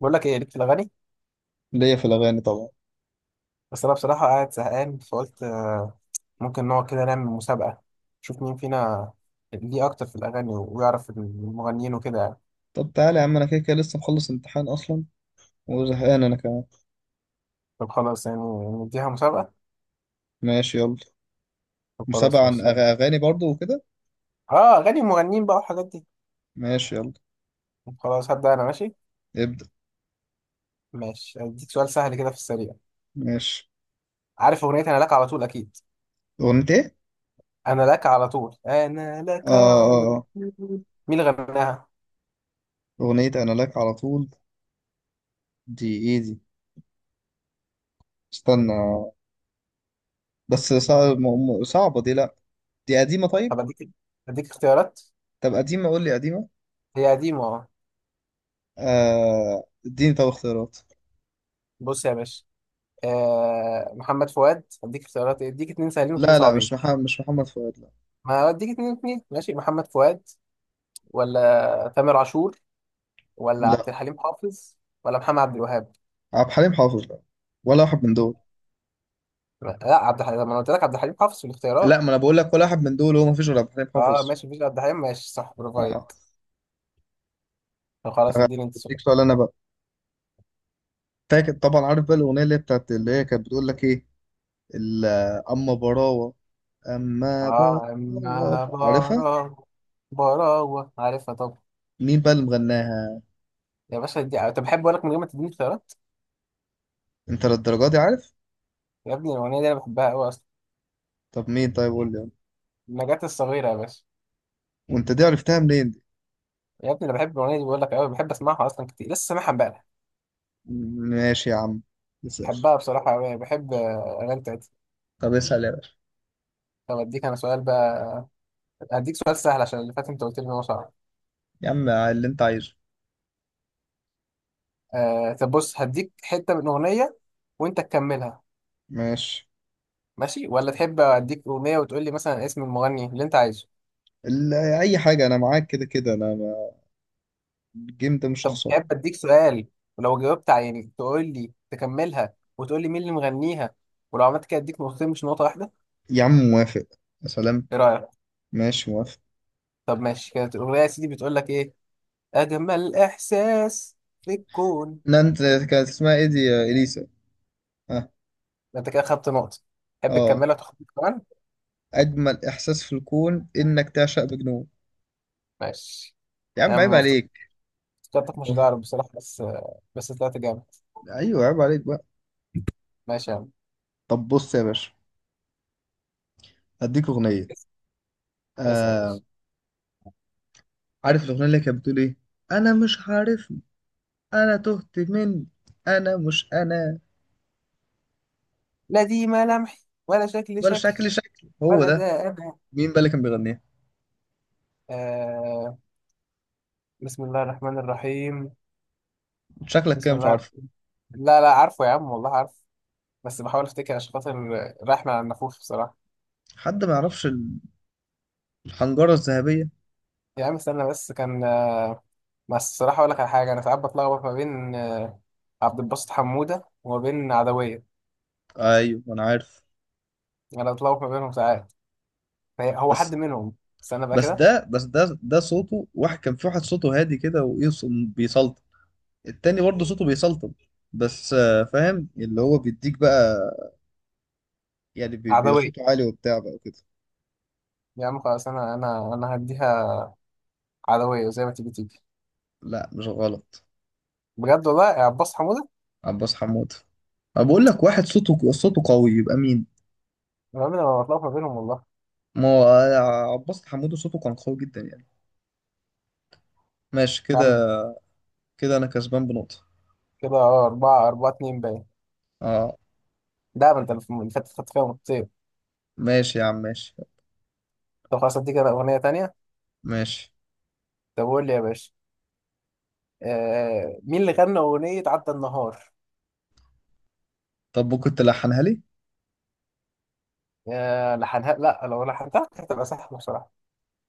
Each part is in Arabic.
بقول لك ايه ليك في الاغاني. ليا في الأغاني طبعا. بس انا بصراحه قاعد زهقان فقلت ممكن نقعد كده نعمل مسابقه، نشوف مين فينا ليه اكتر في الاغاني ويعرف المغنيين وكده يعني. طب تعالى يا عم، أنا كده كده لسه مخلص امتحان أصلا وزهقان أنا كمان. طب خلاص يعني، نديها مسابقه. ماشي يلا. طب خلاص مسابقة عن ماشي هبدأ. أغاني برضو وكده. اه، اغاني المغنيين بقى والحاجات دي. ماشي يلا. طب خلاص هبدا انا ماشي. ابدأ. ماشي، اديك سؤال سهل كده في السريع. ماشي. عارف اغنيه انا لك على طول؟ اكيد، أغنية إيه؟ انا لك على طول، انا آه، لك على آه، طول، آه. مين اللي غناها؟ أغنية أنا لك على طول. دي إيه دي؟ استنى. بس صعب، صعبة دي، لأ. دي قديمة، طيب؟ طب اديك اختيارات. طب قديمة، قول لي قديمة. هي قديمه اه. آه، اديني طب اختيارات. بص يا باشا، محمد فؤاد، اديك اختيارات إيه؟ اديك اتنين سهلين واتنين لا، لا، مش صعبين. محمد مش محمد فؤاد لا. ما اديك اتنين اتنين، ماشي. محمد فؤاد، ولا تامر عاشور، ولا عبد لا، الحليم حافظ، ولا محمد عبد الوهاب. عبد الحليم حافظ، لا. ولا واحد من دول. لا عبد الحليم، ما انا قلت لك عبد الحليم حافظ في لا، الاختيارات. ما أنا بقول لك ولا واحد من دول، هو مفيش غير عبد الحليم اه حافظ. ماشي، مفيش عبد الحليم، ماشي صح، برافو اه. عليك. طب خلاص آه، اديني انت اديك السؤال. سؤال انا بقى. فاكر طبعا، عارف بقى الاغنيه اللي هي بتاعت، اللي هي كانت بتقول لك ايه؟ ال- اما براوه. اما اه، براوه، اما عارفها. براوة، براوة عارفها طب. مين بقى اللي مغناها؟ يا باشا دي، طب بحب اقول لك من غير ما تديني اختيارات. انت للدرجه دي عارف؟ يا ابني الاغنيه دي انا بحبها قوي اصلا. طب مين؟ طيب قول لي. النجاة الصغيره يا باشا. وانت دي عرفتها منين دي؟ يا ابني انا بحب الاغنيه دي بقول لك، قوي بحب اسمعها اصلا كتير، لسه سامعها امبارح. ماشي يا عم. اسال. بحبها بصراحة أوي، بحب أغاني بتاعتها. طب اسال يا باشا. طب أديك أنا سؤال بقى. هديك سؤال سهل عشان اللي فات أنت قلت لي إن هو صعب. يا عم اللي انت عايزه. آه طب بص، هديك حتة من أغنية وأنت تكملها. ماشي. ماشي، ولا تحب أديك أغنية وتقول لي مثلا اسم المغني اللي أنت عايزه. اي حاجه، انا معاك كده كده، انا الجيم ده مش طب هخسره. تحب أديك سؤال، ولو جاوبت يعني تقول لي تكملها وتقول لي مين اللي مغنيها، ولو عملت كده أديك نقطتين مش نقطة واحدة. يا عم موافق. يا سلام. إيه رأيك؟ ماشي موافق. طب ماشي، كانت الأغنية يا سيدي بتقول لك إيه. أجمل إحساس في الكون. لا، انت. كانت اسمها ايه دي، يا اليسا؟ اه. أنت كده خدت نقطة، تحب اه. تكملها وتاخد نقطة كمان. اجمل احساس في الكون انك تعشق مجنون. ماشي يا يا عم عيب عم، مفتقد. عليك. افتكرتك مش هتعرف بصراحة بس، بس طلعت جامد. ايوه، عيب عليك بقى. ماشي يا عم. طب بص يا باشا. هديك اغنيه. اس- اسأل يا آه. باشا. عارف الاغنيه اللي كانت بتقول ايه؟ انا مش عارفني. انا تهت مني. انا مش انا. لا دي ملامح، ولا شكل ولا شكل، شكلي شكلي هو ولا ده. ده أنا. مين بقى اللي كان بيغنيها؟ آه بسم الله الرحمن الرحيم. شكلك كده بسم مش الله. عارفه. لا لا عارفه يا عم، والله عارف، بس بحاول افتكر عشان خاطر رايح مع النفوس بصراحة. حد ما يعرفش. الحنجره الذهبيه. يا عم استنى بس، كان بس الصراحة أقول لك على حاجة، أنا ساعات بتلخبط ما بين عبد الباسط حمودة وما بين عدوية. ايوه انا عارف. أنا بتلخبط ما بينهم ساعات، هو بس. حد منهم. استنى بقى بس كده. ده بس ده ده صوته واحد، كان في واحد صوته هادي كده، وايه، بيسلطن. التاني برضه صوته بيسلطن. بس فاهم اللي هو بيديك بقى. يعني عدوية. صوته عالي وبتاع بقى وكده. يا عم خلاص، انا هديها عدوية زي ما تيجي تيجي. لا، مش غلط. بجد والله، يا عباس حمودة. عباس حمود. أنا بقول لك واحد صوته قوي يبقى مين؟ انا عمري ما بطلع ما بينهم والله. ما هو عباس حمود صوته كان قوي جدا يعني. ماشي يا عم كده. كده انا كسبان بنقطة. كده اه، أربعة أربعة اتنين باين. اه. ده ما انت اللي فاتت خدت فيها نقطتين. ماشي يا عم، ماشي، طب خلاص اديك انا أغنية تانية. ماشي. طب قول لي يا باشا، مين اللي غنى أغنية عدى النهار؟ طب كنت لحنها لي. يا لحنها، لا لو لحنتها كانت هتبقى سهلة بصراحة.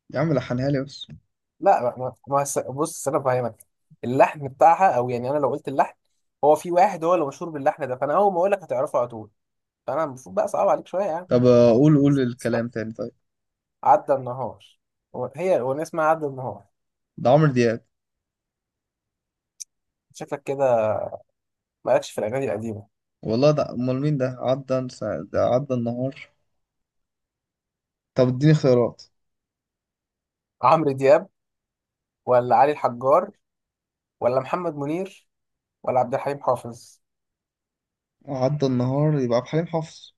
يا عم لحنها لي بس. لا ما ما- ما هس- بص أنا فاهمك. اللحن بتاعها، أو يعني أنا لو قلت اللحن، هو في واحد هو اللي مشهور باللحن ده، فأنا أول ما أقول لك هتعرفه على طول. فأنا المفروض بقى صعب عليك شوية يعني. طب قول قول الكلام تاني طيب. عدى النهار، هي الأغنية اسمها عدى النهار. ده عمرو دياب. شكلك كده مالكش في الأغاني القديمة. والله ده امال مين؟ ده عدى ده عدى النهار. طب اديني خيارات. عمرو دياب، ولا علي الحجار، ولا محمد منير، ولا عبد الحليم حافظ. عدى النهار يبقى عبد الحليم حافظ.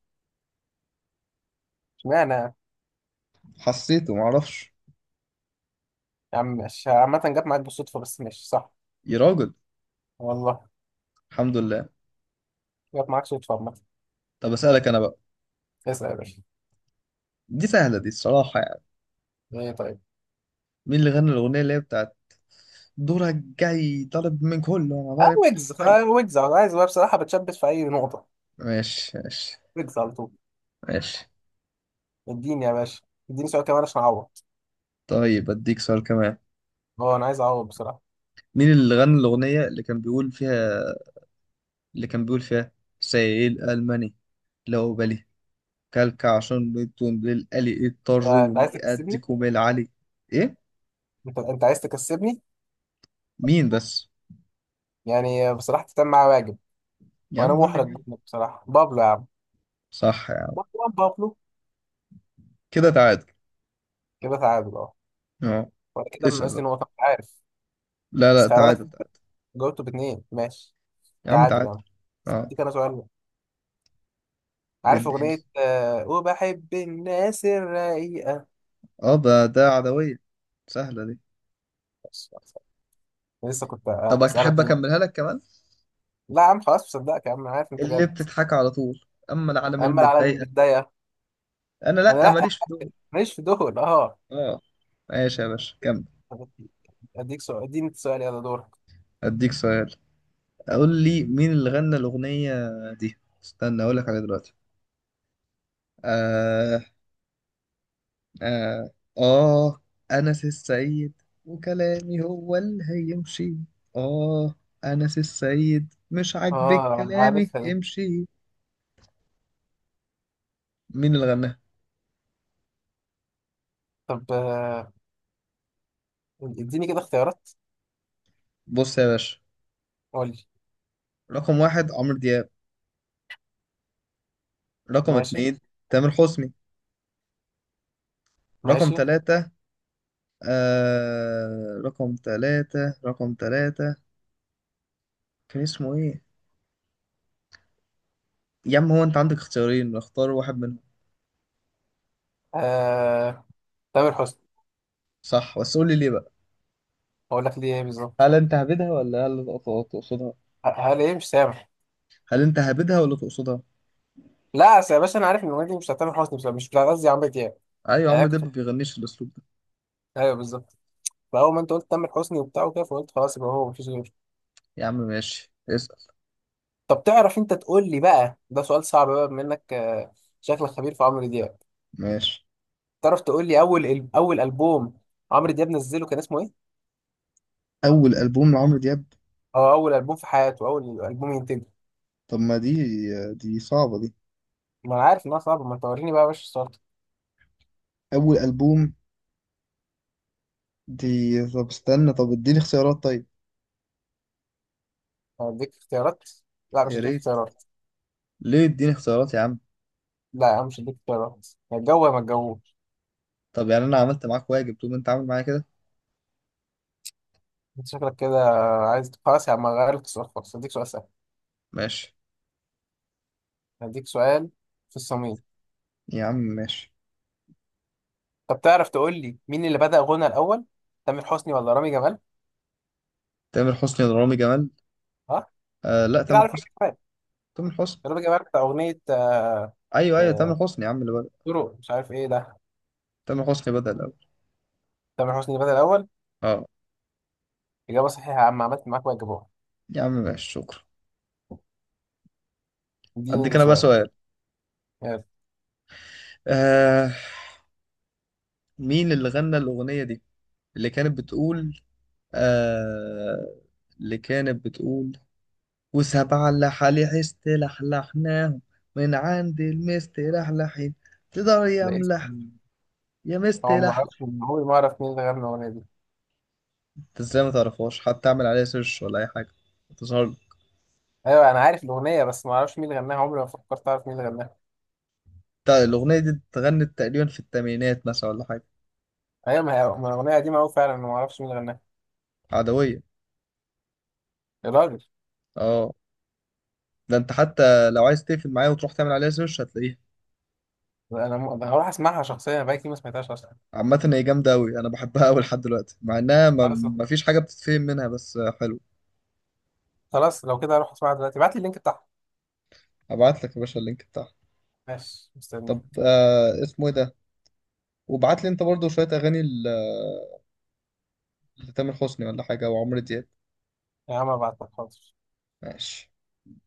اشمعنى يا حسيته، معرفش. عم، ماشي عامة، جت معاك بالصدفة بس ماشي صح. يا راجل. والله الحمد لله. جت معاك صدفة عامة. طب اسألك انا بقى. اسأل يا باشا. دي سهلة دي الصراحة يعني. ايه طيب؟ مين اللي غنى الأغنية اللي هي بتاعت؟ دورك جاي طالب من كله أنا اه ضارب. ويجز حي. آه، ويجز أنا عايز بقى بصراحة، بتشبث في أي نقطة. ماشي، ماشي. ويجز على طول. ماشي. اديني يا باشا، اديني سؤال كمان عشان أعوض. طيب أديك سؤال كمان. اه أنا عايز أعوض بصراحة. مين اللي غنى الأغنية اللي كان بيقول فيها سائل ألماني، لو بالي، كلك عشان بيتون للقلي انت اضطروني عايز تكسبني. أديكم العلي؟ إيه؟ انت عايز تكسبني. مين بس؟ يعني بصراحة تتم معايا واجب، يا وانا عم قول لي محرج مين. منك بصراحه. بابلو يا عم. صح يا عم. مروان بابلو. كده تعادل. كده تعادل اه. اه. وانا كده اسأل بقى. ناقصني نقطه أنت عارف. لا، بس لا، خلي بالك تعادل، انت، تعادل. جاوبته باثنين ماشي. يا عم تعادل تعادل. يعني. بس اه. اديك انا سؤال بقى. عارف اديني. اغنيه وبحب الناس الرقيقه. اه، ده عدوية. سهلة دي. بس خلاص. أنا لسه كنت طب تحب هسالك مين. اكملها لك كمان؟ لا يا عم خلاص، مصدقك يا عم، انا عارف انت اللي جامد. بتضحك على طول. اما العالم اما العالم المتضايقة. متضايقه، انا انا لا، لا ماليش في دول. ماليش في دول اه. اه. ماشي يا باشا كمل. طب اديك سؤال، اديني سؤال، يلا دورك. اديك سؤال. اقول لي مين اللي غنى الاغنية دي؟ استنى اقول لك عليها دلوقتي. آه، آه, آه أنس السيد وكلامي هو اللي هيمشي. آه أنس السيد، مش عاجبك اه، كلامي، عارفها دي. امشي. مين اللي غناها؟ طب اديني كده اختيارات. بص يا باشا. قول لي. رقم واحد عمرو دياب. رقم ماشي اتنين تامر حسني. رقم ماشي، تلاتة. آه، رقم تلاتة. كان اسمه ايه؟ يا عم، هو انت عندك اختيارين، اختار واحد منهم. آه... تامر حسني. صح، بس قول لي ليه بقى. اقول لك ليه ايه بالظبط. هل انت هبدها ولا هل تقصدها؟ هل ايه مش سامح. هل انت هبدها ولا تقصدها؟ لا أصل يا باشا، انا عارف ان الاغنيه دي مش بتاع تامر حسني، بس مش بتاع قصدي عمرو دياب. ايوه، يعني عمرو أنا دياب ما كنت، بيغنيش الاسلوب ده. ايوه بالظبط. فاول ما انت قلت تامر حسني وبتاع وكده، فقلت خلاص يبقى هو مفيش غيره. يا عم ماشي، اسأل. طب تعرف انت تقول لي بقى، ده سؤال صعب بقى بما انك شكلك خبير في عمرو دياب. ماشي. تعرف تقول لي اول اول البوم عمرو دياب نزله كان اسمه ايه؟ أول ألبوم لعمرو دياب؟ او اول البوم في حياته، اول البوم ينتجه. طب ما دي، دي صعبة دي. ما انا عارف انها صعبه، ما توريني بقى يا باشا السؤال ده. أول ألبوم. دي. طب استنى، طب اديني اختيارات طيب. هديك اختيارات، لا مش يا هديك ريت. اختيارات. ليه؟ اديني اختيارات يا عم. لا يا عم مش هديك اختيارات. يا الجو يا ما الجو. طب يعني انا عملت معاك واجب، تقوم انت عامل معايا كده. انت شكلك كده عايز، خلاص يا عم غير لك السؤال خالص، هديك سؤال سهل. ماشي. هديك سؤال في الصميم. يا عم ماشي. طب تعرف تقول لي مين اللي بدأ غنى الأول، تامر حسني ولا رامي جمال؟ تامر حسني ولا رامي جمال؟ ها، آه، لا، كده تامر عارف رامي حسني. جمال. تامر حسني. رامي جمال بتاع أغنية، ايوه، ايوه، تامر آه، حسني يا عم اللي بدأ. طرق مش عارف ايه ده. تامر حسني بدأ الاول. تامر حسني اللي بدأ الأول. اه. إجابة صحيحة يا عم، عملت معاك واجبها. يا عم ماشي، شكرا. اديني اديك ده انا بقى سؤال، سؤال. يلا. آه. مين اللي غنى الاغنية دي؟ اللي كانت بتقول، آه اللي كانت بتقول وسبعة اللي حالي حست لحلحناهم، من عند المست لحلحين، تقدر يا ده ملح اسم. يا مست هو ما اعرفش، لحلح؟ عمري ما اعرف مين اللي غنى الأغنية دي. انت ازاي ما تعرفهاش؟ حتى اعمل عليها سيرش ولا اي حاجة تظهر. ايوه انا عارف الأغنية، بس ما اعرفش مين اللي غناها، عمري ما فكرت اعرف مين اللي غناها. الأغنية دي اتغنت تقريبا في الثمانينات مثلا ولا حاجة؟ ايوه، ما هي ما الأغنية قديمة أوي فعلا، أنا ما اعرفش مين اللي غناها. عدوية. الراجل. اه. ده انت حتى لو عايز تقفل معايا وتروح تعمل عليها سيرش هتلاقيها. أنا هروح اسمعها شخصيا، أنا بقالي كتير ما سمعتهاش اصلا. عامة هي جامدة أوي، أنا بحبها أوي لحد دلوقتي، مع إنها ما خلاص ما فيش حاجة بتتفهم منها بس حلو. خلاص، لو كده هروح اسمعها دلوقتي، ابعت لي اللينك بتاعها. ابعت لك يا باشا اللينك بتاعها. ماشي طب مستني. اسمه ايه ده؟ وابعت لي انت برضو شوية اغاني لتامر حسني ولا حاجة وعمرو دياب. يا عم ابعت لك حاضر. ماشي.